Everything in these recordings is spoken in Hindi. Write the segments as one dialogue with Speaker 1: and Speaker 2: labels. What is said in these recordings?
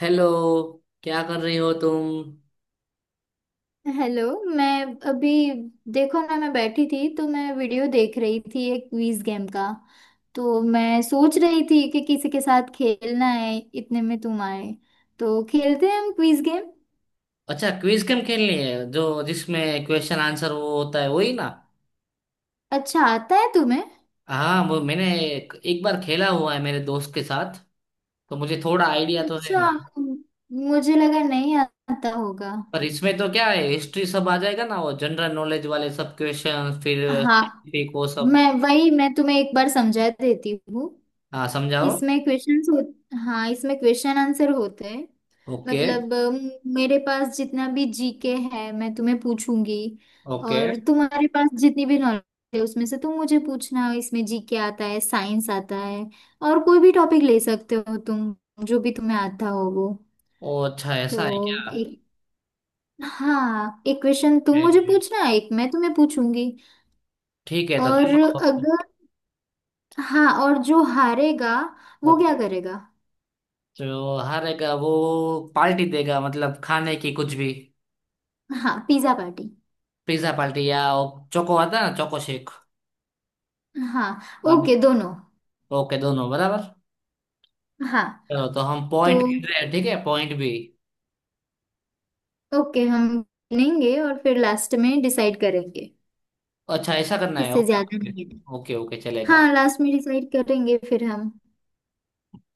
Speaker 1: हेलो। क्या कर रही हो तुम?
Speaker 2: हेलो। मैं अभी, देखो ना, मैं बैठी थी तो मैं वीडियो देख रही थी, एक क्विज गेम का। तो मैं सोच रही थी कि किसी के साथ खेलना है, इतने में तुम आए। तो खेलते हैं हम क्विज गेम।
Speaker 1: अच्छा, क्विज गेम खेलनी है जो जिसमें क्वेश्चन आंसर वो होता है, वही ना?
Speaker 2: अच्छा आता है तुम्हें?
Speaker 1: हाँ, वो मैंने एक बार खेला हुआ है मेरे दोस्त के साथ। तो मुझे थोड़ा आइडिया तो है
Speaker 2: अच्छा,
Speaker 1: मैं।
Speaker 2: मुझे लगा नहीं आता होगा।
Speaker 1: पर इसमें तो क्या है, हिस्ट्री सब आ जाएगा ना, वो जनरल नॉलेज वाले सब क्वेश्चन, फिर
Speaker 2: हाँ।
Speaker 1: साइंटिफिक वो सब।
Speaker 2: मैं तुम्हें एक बार समझा देती हूँ।
Speaker 1: हाँ, समझाओ।
Speaker 2: इसमें क्वेश्चंस हो हाँ, इसमें क्वेश्चन आंसर होते हैं।
Speaker 1: ओके।
Speaker 2: मतलब मेरे पास जितना भी जीके है मैं तुम्हें पूछूंगी।
Speaker 1: ओके।
Speaker 2: और तुम्हारे पास जितनी भी नॉलेज है उसमें से तुम मुझे पूछना। इसमें जीके आता है, साइंस आता है और कोई भी टॉपिक ले सकते हो तुम, जो भी तुम्हें आता हो वो।
Speaker 1: ओ अच्छा,
Speaker 2: तो
Speaker 1: ऐसा है क्या?
Speaker 2: एक, हाँ, एक क्वेश्चन तुम मुझे
Speaker 1: ए,
Speaker 2: पूछना, एक मैं तुम्हें पूछूंगी।
Speaker 1: ठीक है, तो
Speaker 2: और
Speaker 1: चलो।
Speaker 2: अगर, हाँ, और जो हारेगा वो क्या
Speaker 1: ओके।
Speaker 2: करेगा?
Speaker 1: तो हारेगा वो पार्टी देगा, मतलब खाने की कुछ भी।
Speaker 2: हाँ, पिज्जा पार्टी।
Speaker 1: पिज्जा पार्टी या वो चोको आता है ना, चोको शेक।
Speaker 2: हाँ।
Speaker 1: हाँ।
Speaker 2: ओके दोनों।
Speaker 1: ओके, दोनों बराबर।
Speaker 2: हाँ
Speaker 1: चलो, तो हम
Speaker 2: तो
Speaker 1: पॉइंट गिन रहे हैं, ठीक है, पॉइंट भी।
Speaker 2: ओके, हम गिनेंगे और फिर लास्ट में डिसाइड करेंगे।
Speaker 1: अच्छा, ऐसा करना है।
Speaker 2: किससे
Speaker 1: ओके
Speaker 2: ज्यादा
Speaker 1: ओके।
Speaker 2: नहीं है।
Speaker 1: ओके ओके, चलेगा।
Speaker 2: हाँ, लास्ट में डिसाइड करेंगे फिर हम।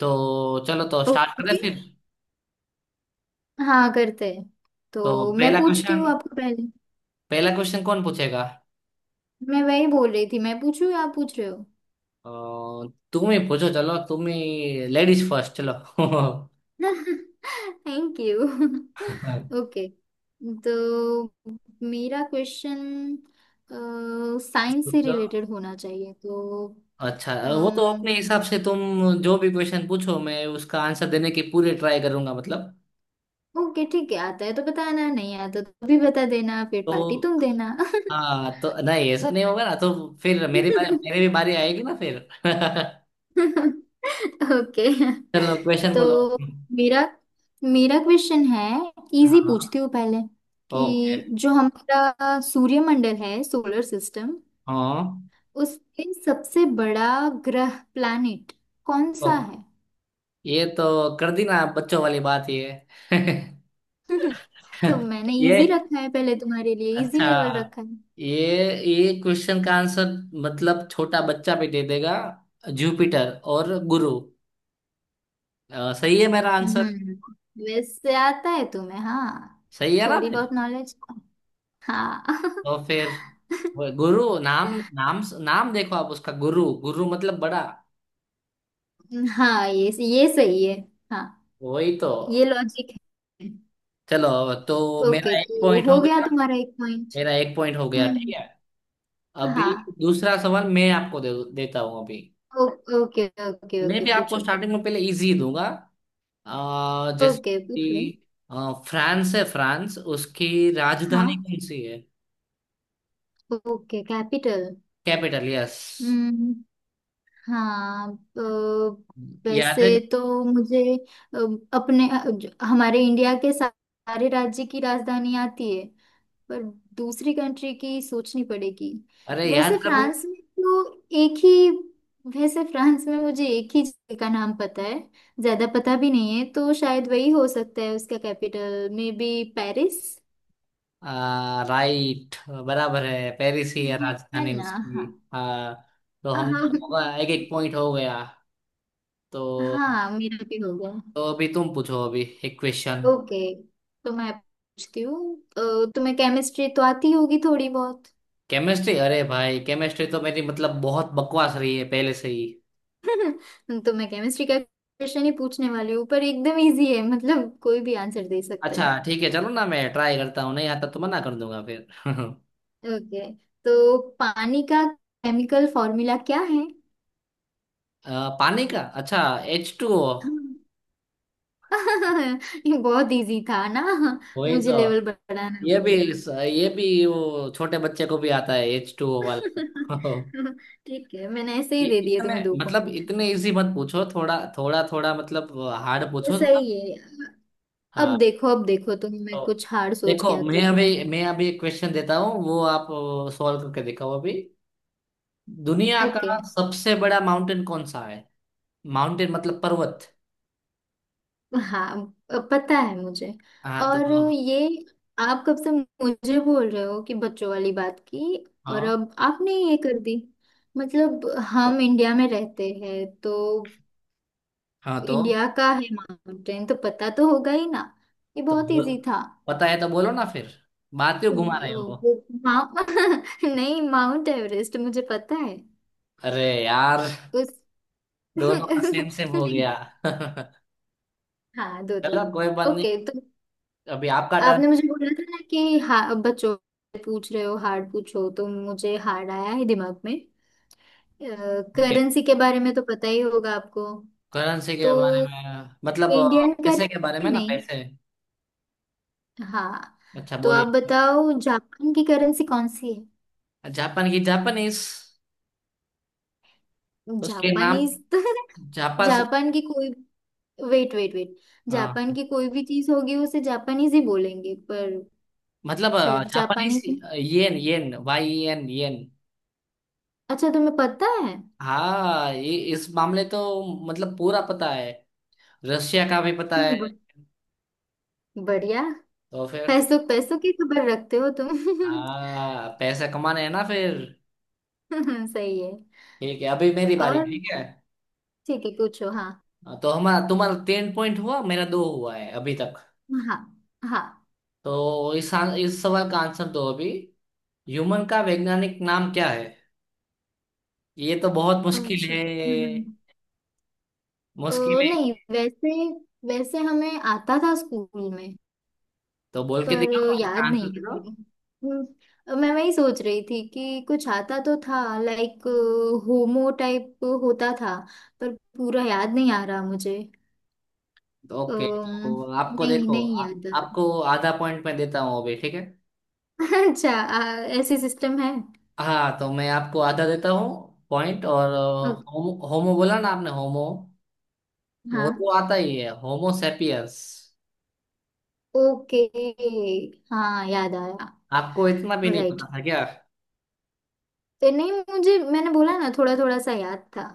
Speaker 1: तो चलो, तो स्टार्ट करें
Speaker 2: ओके,
Speaker 1: फिर।
Speaker 2: हाँ करते हैं।
Speaker 1: तो
Speaker 2: तो मैं
Speaker 1: पहला
Speaker 2: पूछती
Speaker 1: क्वेश्चन
Speaker 2: हूँ आपको पहले।
Speaker 1: पहला क्वेश्चन कौन पूछेगा?
Speaker 2: मैं वही बोल रही थी, मैं पूछूँ या आप पूछ रहे हो?
Speaker 1: अ, तुम ही पूछो, चलो तुम ही, लेडीज फर्स्ट, चलो।
Speaker 2: Thank you. ओके। तो मेरा क्वेश्चन साइंस से
Speaker 1: पूछो।
Speaker 2: रिलेटेड होना चाहिए।
Speaker 1: अच्छा।
Speaker 2: तो
Speaker 1: वो तो अपने हिसाब से तुम जो भी क्वेश्चन पूछो, मैं उसका आंसर देने की पूरी ट्राई करूंगा मतलब।
Speaker 2: ओके ठीक है, आता है तो बताना, नहीं आता तो भी बता देना, फिर पार्टी
Speaker 1: तो
Speaker 2: तुम देना।
Speaker 1: हाँ, तो नहीं, ऐसा नहीं होगा ना। तो फिर मेरी भी बारी आएगी ना फिर।
Speaker 2: ओके।
Speaker 1: चलो, क्वेश्चन बोलो।
Speaker 2: तो मेरा मेरा क्वेश्चन है, इजी
Speaker 1: हाँ।
Speaker 2: पूछती हूँ पहले,
Speaker 1: ओके।
Speaker 2: कि जो हमारा सूर्यमंडल है, सोलर सिस्टम,
Speaker 1: हाँ।
Speaker 2: उसके सबसे बड़ा ग्रह, प्लैनेट, कौन
Speaker 1: ओ,
Speaker 2: सा है?
Speaker 1: ये तो कर दी ना आप, बच्चों वाली बात ये।
Speaker 2: तो मैंने
Speaker 1: ये
Speaker 2: इजी रखा है, पहले तुम्हारे लिए इजी
Speaker 1: अच्छा,
Speaker 2: लेवल रखा है।
Speaker 1: ये क्वेश्चन का आंसर मतलब छोटा बच्चा भी दे देगा। जुपिटर और गुरु। सही है मेरा आंसर?
Speaker 2: हम्म। वेस्ट से आता है तुम्हें, हाँ,
Speaker 1: सही है ना
Speaker 2: थोड़ी
Speaker 1: मेरा?
Speaker 2: बहुत नॉलेज। हाँ।
Speaker 1: तो फिर वो गुरु नाम नाम नाम देखो, आप उसका, गुरु गुरु मतलब बड़ा।
Speaker 2: हाँ ये सही है। हाँ,
Speaker 1: वही तो।
Speaker 2: ये लॉजिक है।
Speaker 1: चलो, तो
Speaker 2: ओके,
Speaker 1: मेरा एक
Speaker 2: तो
Speaker 1: पॉइंट हो
Speaker 2: हो गया
Speaker 1: गया।
Speaker 2: तुम्हारा एक पॉइंट।
Speaker 1: मेरा एक पॉइंट हो गया, ठीक
Speaker 2: हम्म।
Speaker 1: है। अभी
Speaker 2: हाँ।
Speaker 1: दूसरा सवाल मैं आपको देता हूँ अभी।
Speaker 2: ओ, ओके ओके
Speaker 1: मैं
Speaker 2: ओके,
Speaker 1: भी आपको
Speaker 2: पूछो।
Speaker 1: स्टार्टिंग में पहले इजी दूंगा, जैसे
Speaker 2: ओके पूछो।
Speaker 1: कि फ्रांस है, फ्रांस, उसकी राजधानी
Speaker 2: हाँ।
Speaker 1: कौन सी है?
Speaker 2: Okay capital.
Speaker 1: Capital, yes.
Speaker 2: हाँ तो
Speaker 1: याद है?
Speaker 2: वैसे तो मुझे, अ, अपने हमारे इंडिया के सारे राज्य की राजधानी आती है, पर दूसरी कंट्री की सोचनी पड़ेगी।
Speaker 1: अरे,
Speaker 2: वैसे
Speaker 1: याद करो।
Speaker 2: फ्रांस में तो एक ही, वैसे फ्रांस में मुझे एक ही जगह का नाम पता है, ज्यादा पता भी नहीं है, तो शायद वही हो सकता है उसका capital, maybe Paris.
Speaker 1: Right. बराबर है, पेरिस ही है
Speaker 2: है
Speaker 1: राजधानी
Speaker 2: ना?
Speaker 1: उसकी।
Speaker 2: हाँ
Speaker 1: हाँ, तो हम
Speaker 2: हाँ।
Speaker 1: दोनों का एक एक पॉइंट हो गया। तो
Speaker 2: हाँ मेरा भी हो गया।
Speaker 1: अभी तुम पूछो अभी एक क्वेश्चन।
Speaker 2: ओके, तो मैं पूछती हूँ तुम्हें केमिस्ट्री तो आती होगी थोड़ी बहुत।
Speaker 1: केमिस्ट्री? अरे भाई, केमिस्ट्री तो मेरी मतलब बहुत बकवास रही है पहले से ही।
Speaker 2: तो मैं केमिस्ट्री का क्वेश्चन ही पूछने वाली हूँ, पर एकदम इजी है, मतलब कोई भी आंसर दे सकता
Speaker 1: अच्छा
Speaker 2: है।
Speaker 1: ठीक है, चलो ना, मैं ट्राई करता हूँ, नहीं आता तो मना कर दूंगा फिर।
Speaker 2: ओके। तो पानी का केमिकल फॉर्मूला क्या है?
Speaker 1: पानी का? अच्छा। H two O.
Speaker 2: हाँ। ये बहुत इजी था ना।
Speaker 1: वही
Speaker 2: मुझे
Speaker 1: तो।
Speaker 2: लेवल बढ़ाना
Speaker 1: ये भी,
Speaker 2: पड़ेगा।
Speaker 1: वो छोटे बच्चे को भी आता है, एच टू ओ वाला।
Speaker 2: ठीक है, मैंने ऐसे ही दे दिए
Speaker 1: इतने,
Speaker 2: तुम्हें दो
Speaker 1: मतलब
Speaker 2: पॉइंट।
Speaker 1: इतने इजी मत पूछो, थोड़ा थोड़ा थोड़ा मतलब, हार्ड पूछो थोड़ा।
Speaker 2: सही है। अब
Speaker 1: हाँ।
Speaker 2: देखो अब देखो, तुम्हें मैं
Speaker 1: तो
Speaker 2: कुछ हार्ड सोच के
Speaker 1: देखो,
Speaker 2: आती
Speaker 1: मैं
Speaker 2: हूँ।
Speaker 1: अभी मैं अभी एक क्वेश्चन देता हूँ, वो आप सॉल्व करके दिखाओ अभी। दुनिया
Speaker 2: ओके।
Speaker 1: का सबसे बड़ा माउंटेन कौन सा है? माउंटेन मतलब पर्वत।
Speaker 2: हाँ पता है मुझे।
Speaker 1: हाँ तो
Speaker 2: और
Speaker 1: हाँ,
Speaker 2: ये आप कब से मुझे बोल रहे हो कि बच्चों वाली बात की, और अब आपने ये कर दी। मतलब
Speaker 1: तो
Speaker 2: हम इंडिया में रहते हैं तो
Speaker 1: हाँ तो
Speaker 2: इंडिया का है माउंटेन तो पता तो होगा ही ना। ये
Speaker 1: तो
Speaker 2: बहुत
Speaker 1: बोल,
Speaker 2: इजी था।
Speaker 1: पता है तो बोलो ना फिर, बात क्यों घुमा रहे हो?
Speaker 2: वो माउ- नहीं, माउंट एवरेस्ट मुझे पता है।
Speaker 1: अरे यार,
Speaker 2: उस
Speaker 1: दोनों का सेम सेम हो
Speaker 2: नहीं।
Speaker 1: गया।
Speaker 2: हाँ दो दो।
Speaker 1: चलो, कोई बात नहीं,
Speaker 2: ओके तो
Speaker 1: अभी आपका टर्न।
Speaker 2: आपने मुझे बोला था ना कि बच्चों से पूछ रहे हो हार्ड पूछो, तो मुझे हार्ड आया है दिमाग में।
Speaker 1: ओके।
Speaker 2: करेंसी के बारे में तो पता ही होगा आपको।
Speaker 1: करेंसी के
Speaker 2: तो
Speaker 1: बारे में मतलब
Speaker 2: इंडियन
Speaker 1: पैसे के बारे में
Speaker 2: करेंसी
Speaker 1: ना,
Speaker 2: नहीं।
Speaker 1: पैसे।
Speaker 2: हाँ।
Speaker 1: अच्छा,
Speaker 2: तो आप
Speaker 1: बोलिए।
Speaker 2: बताओ जापान की करेंसी कौन सी है?
Speaker 1: जापान की? जापानीज? उसके नाम
Speaker 2: जापानीज तो
Speaker 1: जापान।
Speaker 2: जापान की कोई, वेट वेट वेट,
Speaker 1: हाँ,
Speaker 2: जापान की कोई भी चीज होगी उसे जापानीज ही बोलेंगे, पर
Speaker 1: मतलब
Speaker 2: सिर्फ
Speaker 1: जापानीज।
Speaker 2: जापानीज में।
Speaker 1: Yen, yen, Y N, yen.
Speaker 2: अच्छा तुम्हें पता है।
Speaker 1: हाँ, ये इस मामले तो मतलब पूरा पता है, रशिया का भी पता है।
Speaker 2: ब- बढ़िया।
Speaker 1: तो फिर?
Speaker 2: पैसों पैसों की खबर रखते हो तुम।
Speaker 1: हाँ, पैसे कमाने हैं ना फिर।
Speaker 2: सही है।
Speaker 1: ठीक है, अभी मेरी
Speaker 2: और
Speaker 1: बारी, ठीक है।
Speaker 2: ठीक है पूछो, हाँ।
Speaker 1: हाँ, तो हमारा, तुम्हारा तीन पॉइंट हुआ, मेरा दो हुआ है अभी तक।
Speaker 2: हाँ। हाँ।
Speaker 1: तो इस सवाल का आंसर दो अभी। ह्यूमन का वैज्ञानिक नाम क्या है? ये तो बहुत मुश्किल
Speaker 2: अच्छा,
Speaker 1: है, मुश्किल है।
Speaker 2: नहीं वैसे, वैसे हमें आता था स्कूल में,
Speaker 1: तो बोल के
Speaker 2: पर
Speaker 1: दिखाओ,
Speaker 2: याद
Speaker 1: इसका आंसर
Speaker 2: नहीं है
Speaker 1: करो।
Speaker 2: अभी। मैं वही सोच रही थी कि कुछ आता तो था, लाइक होमो टाइप होता था, पर पूरा याद नहीं आ रहा मुझे।
Speaker 1: ओके,
Speaker 2: अम्म,
Speaker 1: तो आपको
Speaker 2: नहीं
Speaker 1: देखो,
Speaker 2: नहीं याद आ
Speaker 1: आपको आधा पॉइंट मैं देता हूँ अभी, ठीक है।
Speaker 2: रहा। अच्छा, ऐसे सिस्टम है।
Speaker 1: हाँ, तो मैं आपको आधा देता हूँ पॉइंट और
Speaker 2: ओ,
Speaker 1: होमो होमो बोला ना आपने, होमो, वो तो
Speaker 2: हाँ
Speaker 1: आता ही है, होमो सेपियंस।
Speaker 2: ओके। हाँ याद आया।
Speaker 1: आपको इतना भी नहीं
Speaker 2: राइट।
Speaker 1: पता था क्या?
Speaker 2: तो नहीं मुझे, मैंने बोला ना थोड़ा थोड़ा सा याद था।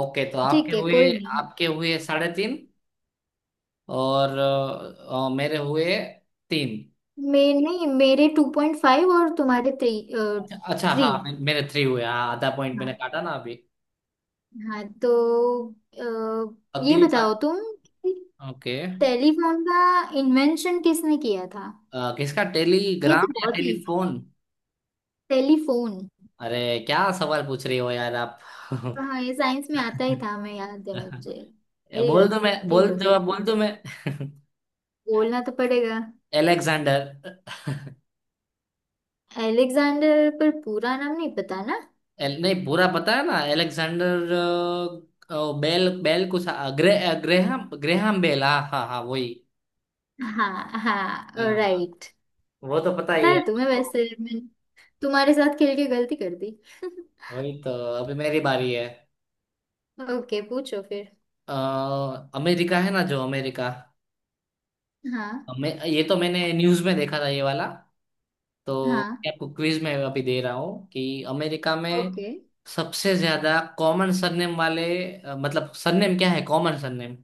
Speaker 1: ओके, तो आपके
Speaker 2: ठीक है
Speaker 1: हुए,
Speaker 2: कोई नहीं।
Speaker 1: आपके हुए 3.5। और मेरे हुए तीन।
Speaker 2: मैं नहीं, मेरे 2.5 और तुम्हारे थ्री।
Speaker 1: अच्छा
Speaker 2: थ्री।
Speaker 1: हाँ, मेरे थ्री हुए हाँ, आधा पॉइंट मैंने
Speaker 2: हाँ।
Speaker 1: काटा ना अभी।
Speaker 2: हाँ तो ये
Speaker 1: अगली बार।
Speaker 2: बताओ तुम कि
Speaker 1: ओके।
Speaker 2: टेलीफोन का इन्वेंशन किसने किया था?
Speaker 1: किसका,
Speaker 2: ये
Speaker 1: टेलीग्राम
Speaker 2: तो
Speaker 1: या
Speaker 2: बहुत इजी है,
Speaker 1: टेलीफोन?
Speaker 2: टेलीफोन।
Speaker 1: अरे, क्या सवाल पूछ रही हो यार आप।
Speaker 2: हाँ ये साइंस में आता ही था मैं, याद है मुझे। मेरी
Speaker 1: बोल दो मैं,
Speaker 2: गलती
Speaker 1: बोल
Speaker 2: हो गई
Speaker 1: जवाब बोल
Speaker 2: कुछ।
Speaker 1: दो मैं।
Speaker 2: बोलना तो पड़ेगा।
Speaker 1: एलेक्जेंडर।
Speaker 2: एलेक्जेंडर, पर पूरा नाम नहीं पता ना।
Speaker 1: नहीं, पूरा पता है ना, एलेक्सेंडर बेल बेल कुछ ग्रेहम ग्रेहम बेल, हाँ हाँ हाँ, वही।
Speaker 2: हाँ हाँ
Speaker 1: हाँ,
Speaker 2: राइट।
Speaker 1: वो तो पता
Speaker 2: आता
Speaker 1: ही है
Speaker 2: है तुम्हें
Speaker 1: आपको।
Speaker 2: वैसे, मैं तुम्हारे साथ खेल के गलती कर दी।
Speaker 1: वही तो। अभी मेरी बारी है।
Speaker 2: ओके पूछो फिर।
Speaker 1: अ, अमेरिका है ना, जो अमेरिका,
Speaker 2: हाँ।
Speaker 1: ये तो मैंने न्यूज में देखा था, ये वाला। तो
Speaker 2: हाँ।
Speaker 1: मैं आपको क्विज में अभी दे रहा हूँ कि अमेरिका में
Speaker 2: ओके।
Speaker 1: सबसे ज्यादा कॉमन सरनेम वाले, मतलब सरनेम क्या है, कॉमन सरनेम?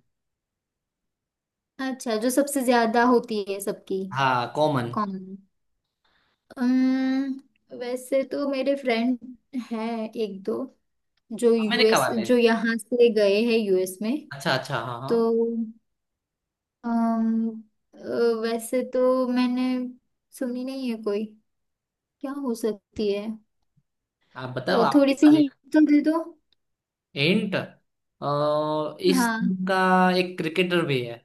Speaker 2: अच्छा, जो सबसे ज्यादा होती है सबकी।
Speaker 1: हाँ, कॉमन।
Speaker 2: कौन? वैसे तो मेरे फ्रेंड है एक दो, जो
Speaker 1: अमेरिका
Speaker 2: यूएस,
Speaker 1: वाले,
Speaker 2: जो यहाँ से गए हैं यूएस में।
Speaker 1: अच्छा अच्छा, हाँ
Speaker 2: तो
Speaker 1: हाँ।
Speaker 2: अम्म, वैसे तो मैंने सुनी नहीं है कोई, क्या हो सकती है?
Speaker 1: आप बताओ,
Speaker 2: तो
Speaker 1: आपकी
Speaker 2: थोड़ी सी
Speaker 1: बारी।
Speaker 2: हिंट तो दे दो।
Speaker 1: हिंट? इस
Speaker 2: हाँ।
Speaker 1: team का एक क्रिकेटर भी है।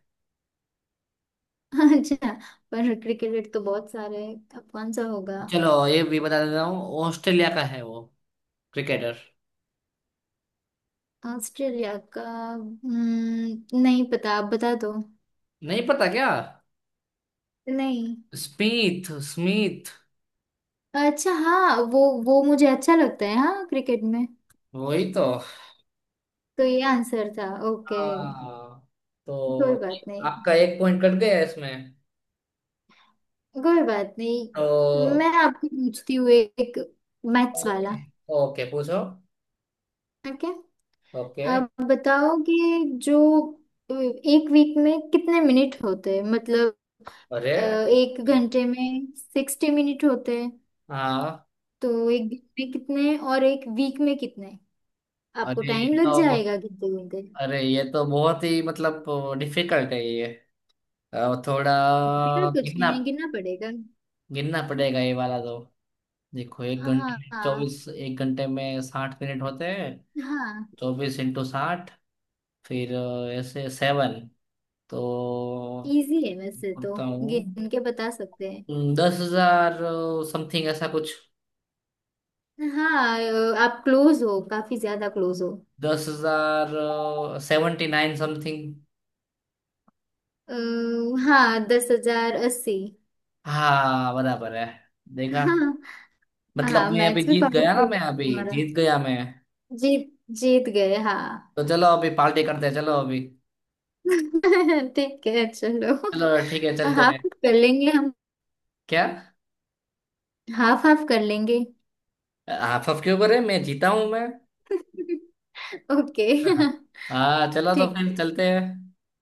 Speaker 2: अच्छा, पर क्रिकेट तो बहुत सारे हैं, अब कौन सा होगा?
Speaker 1: चलो, ये भी बता देता हूँ, ऑस्ट्रेलिया का है वो, क्रिकेटर।
Speaker 2: ऑस्ट्रेलिया का। नहीं पता, आप बता दो।
Speaker 1: नहीं पता क्या?
Speaker 2: नहीं।
Speaker 1: Smith, Smith.
Speaker 2: अच्छा हाँ, वो मुझे अच्छा लगता है हाँ क्रिकेट में।
Speaker 1: वही तो।
Speaker 2: तो ये आंसर था। ओके।
Speaker 1: हाँ, तो
Speaker 2: कोई बात नहीं।
Speaker 1: आपका एक पॉइंट कट गया इसमें।
Speaker 2: कोई बात नहीं।
Speaker 1: तो
Speaker 2: मैं आपको पूछती हूँ एक मैथ्स
Speaker 1: ओके,
Speaker 2: वाला।
Speaker 1: ओके पूछो।
Speaker 2: ओके।
Speaker 1: ओके।
Speaker 2: आप बताओ कि जो एक वीक में कितने मिनट होते हैं? मतलब
Speaker 1: अरे
Speaker 2: एक घंटे में 60 मिनट होते हैं।
Speaker 1: हाँ।
Speaker 2: तो एक दिन में कितने और एक वीक में कितने? आपको
Speaker 1: अरे
Speaker 2: टाइम
Speaker 1: ये
Speaker 2: लग
Speaker 1: तो
Speaker 2: जाएगा गिनते गिनते,
Speaker 1: अरे ये तो बहुत ही मतलब डिफिकल्ट है ये।
Speaker 2: फिर
Speaker 1: थोड़ा
Speaker 2: कुछ
Speaker 1: कितना
Speaker 2: नहीं गिनना पड़ेगा।
Speaker 1: गिनना पड़ेगा ये वाला तो। देखो,
Speaker 2: हाँ हाँ
Speaker 1: एक घंटे में 60 मिनट होते हैं,
Speaker 2: हाँ।
Speaker 1: 24 इंटू 60, फिर ऐसे 7। तो
Speaker 2: इजी है वैसे तो,
Speaker 1: बोलता
Speaker 2: गिन
Speaker 1: हूँ,
Speaker 2: के बता सकते हैं।
Speaker 1: 10,000 समथिंग ऐसा कुछ।
Speaker 2: हाँ, आप क्लोज हो, काफी ज्यादा क्लोज हो।
Speaker 1: 10,079 समथिंग।
Speaker 2: अ, हाँ, 10,080।
Speaker 1: हाँ, बराबर है, देखा?
Speaker 2: हाँ। हाँ,
Speaker 1: मतलब
Speaker 2: मैच भी पावरफुल
Speaker 1: मैं अभी
Speaker 2: तुम्हारा।
Speaker 1: जीत गया, मैं।
Speaker 2: जीत, जीत गए हाँ।
Speaker 1: तो चलो, अभी पार्टी करते हैं, चलो अभी।
Speaker 2: ठीक है चलो।
Speaker 1: चलो ठीक है, चलते हैं।
Speaker 2: हाफ कर लेंगे हम।
Speaker 1: क्या?
Speaker 2: हाफ हाफ कर लेंगे।
Speaker 1: आप सबके ऊपर है, मैं जीता हूँ मैं।
Speaker 2: ओके।
Speaker 1: हाँ, चलो तो
Speaker 2: ठीक
Speaker 1: फिर
Speaker 2: है।
Speaker 1: चलते हैं।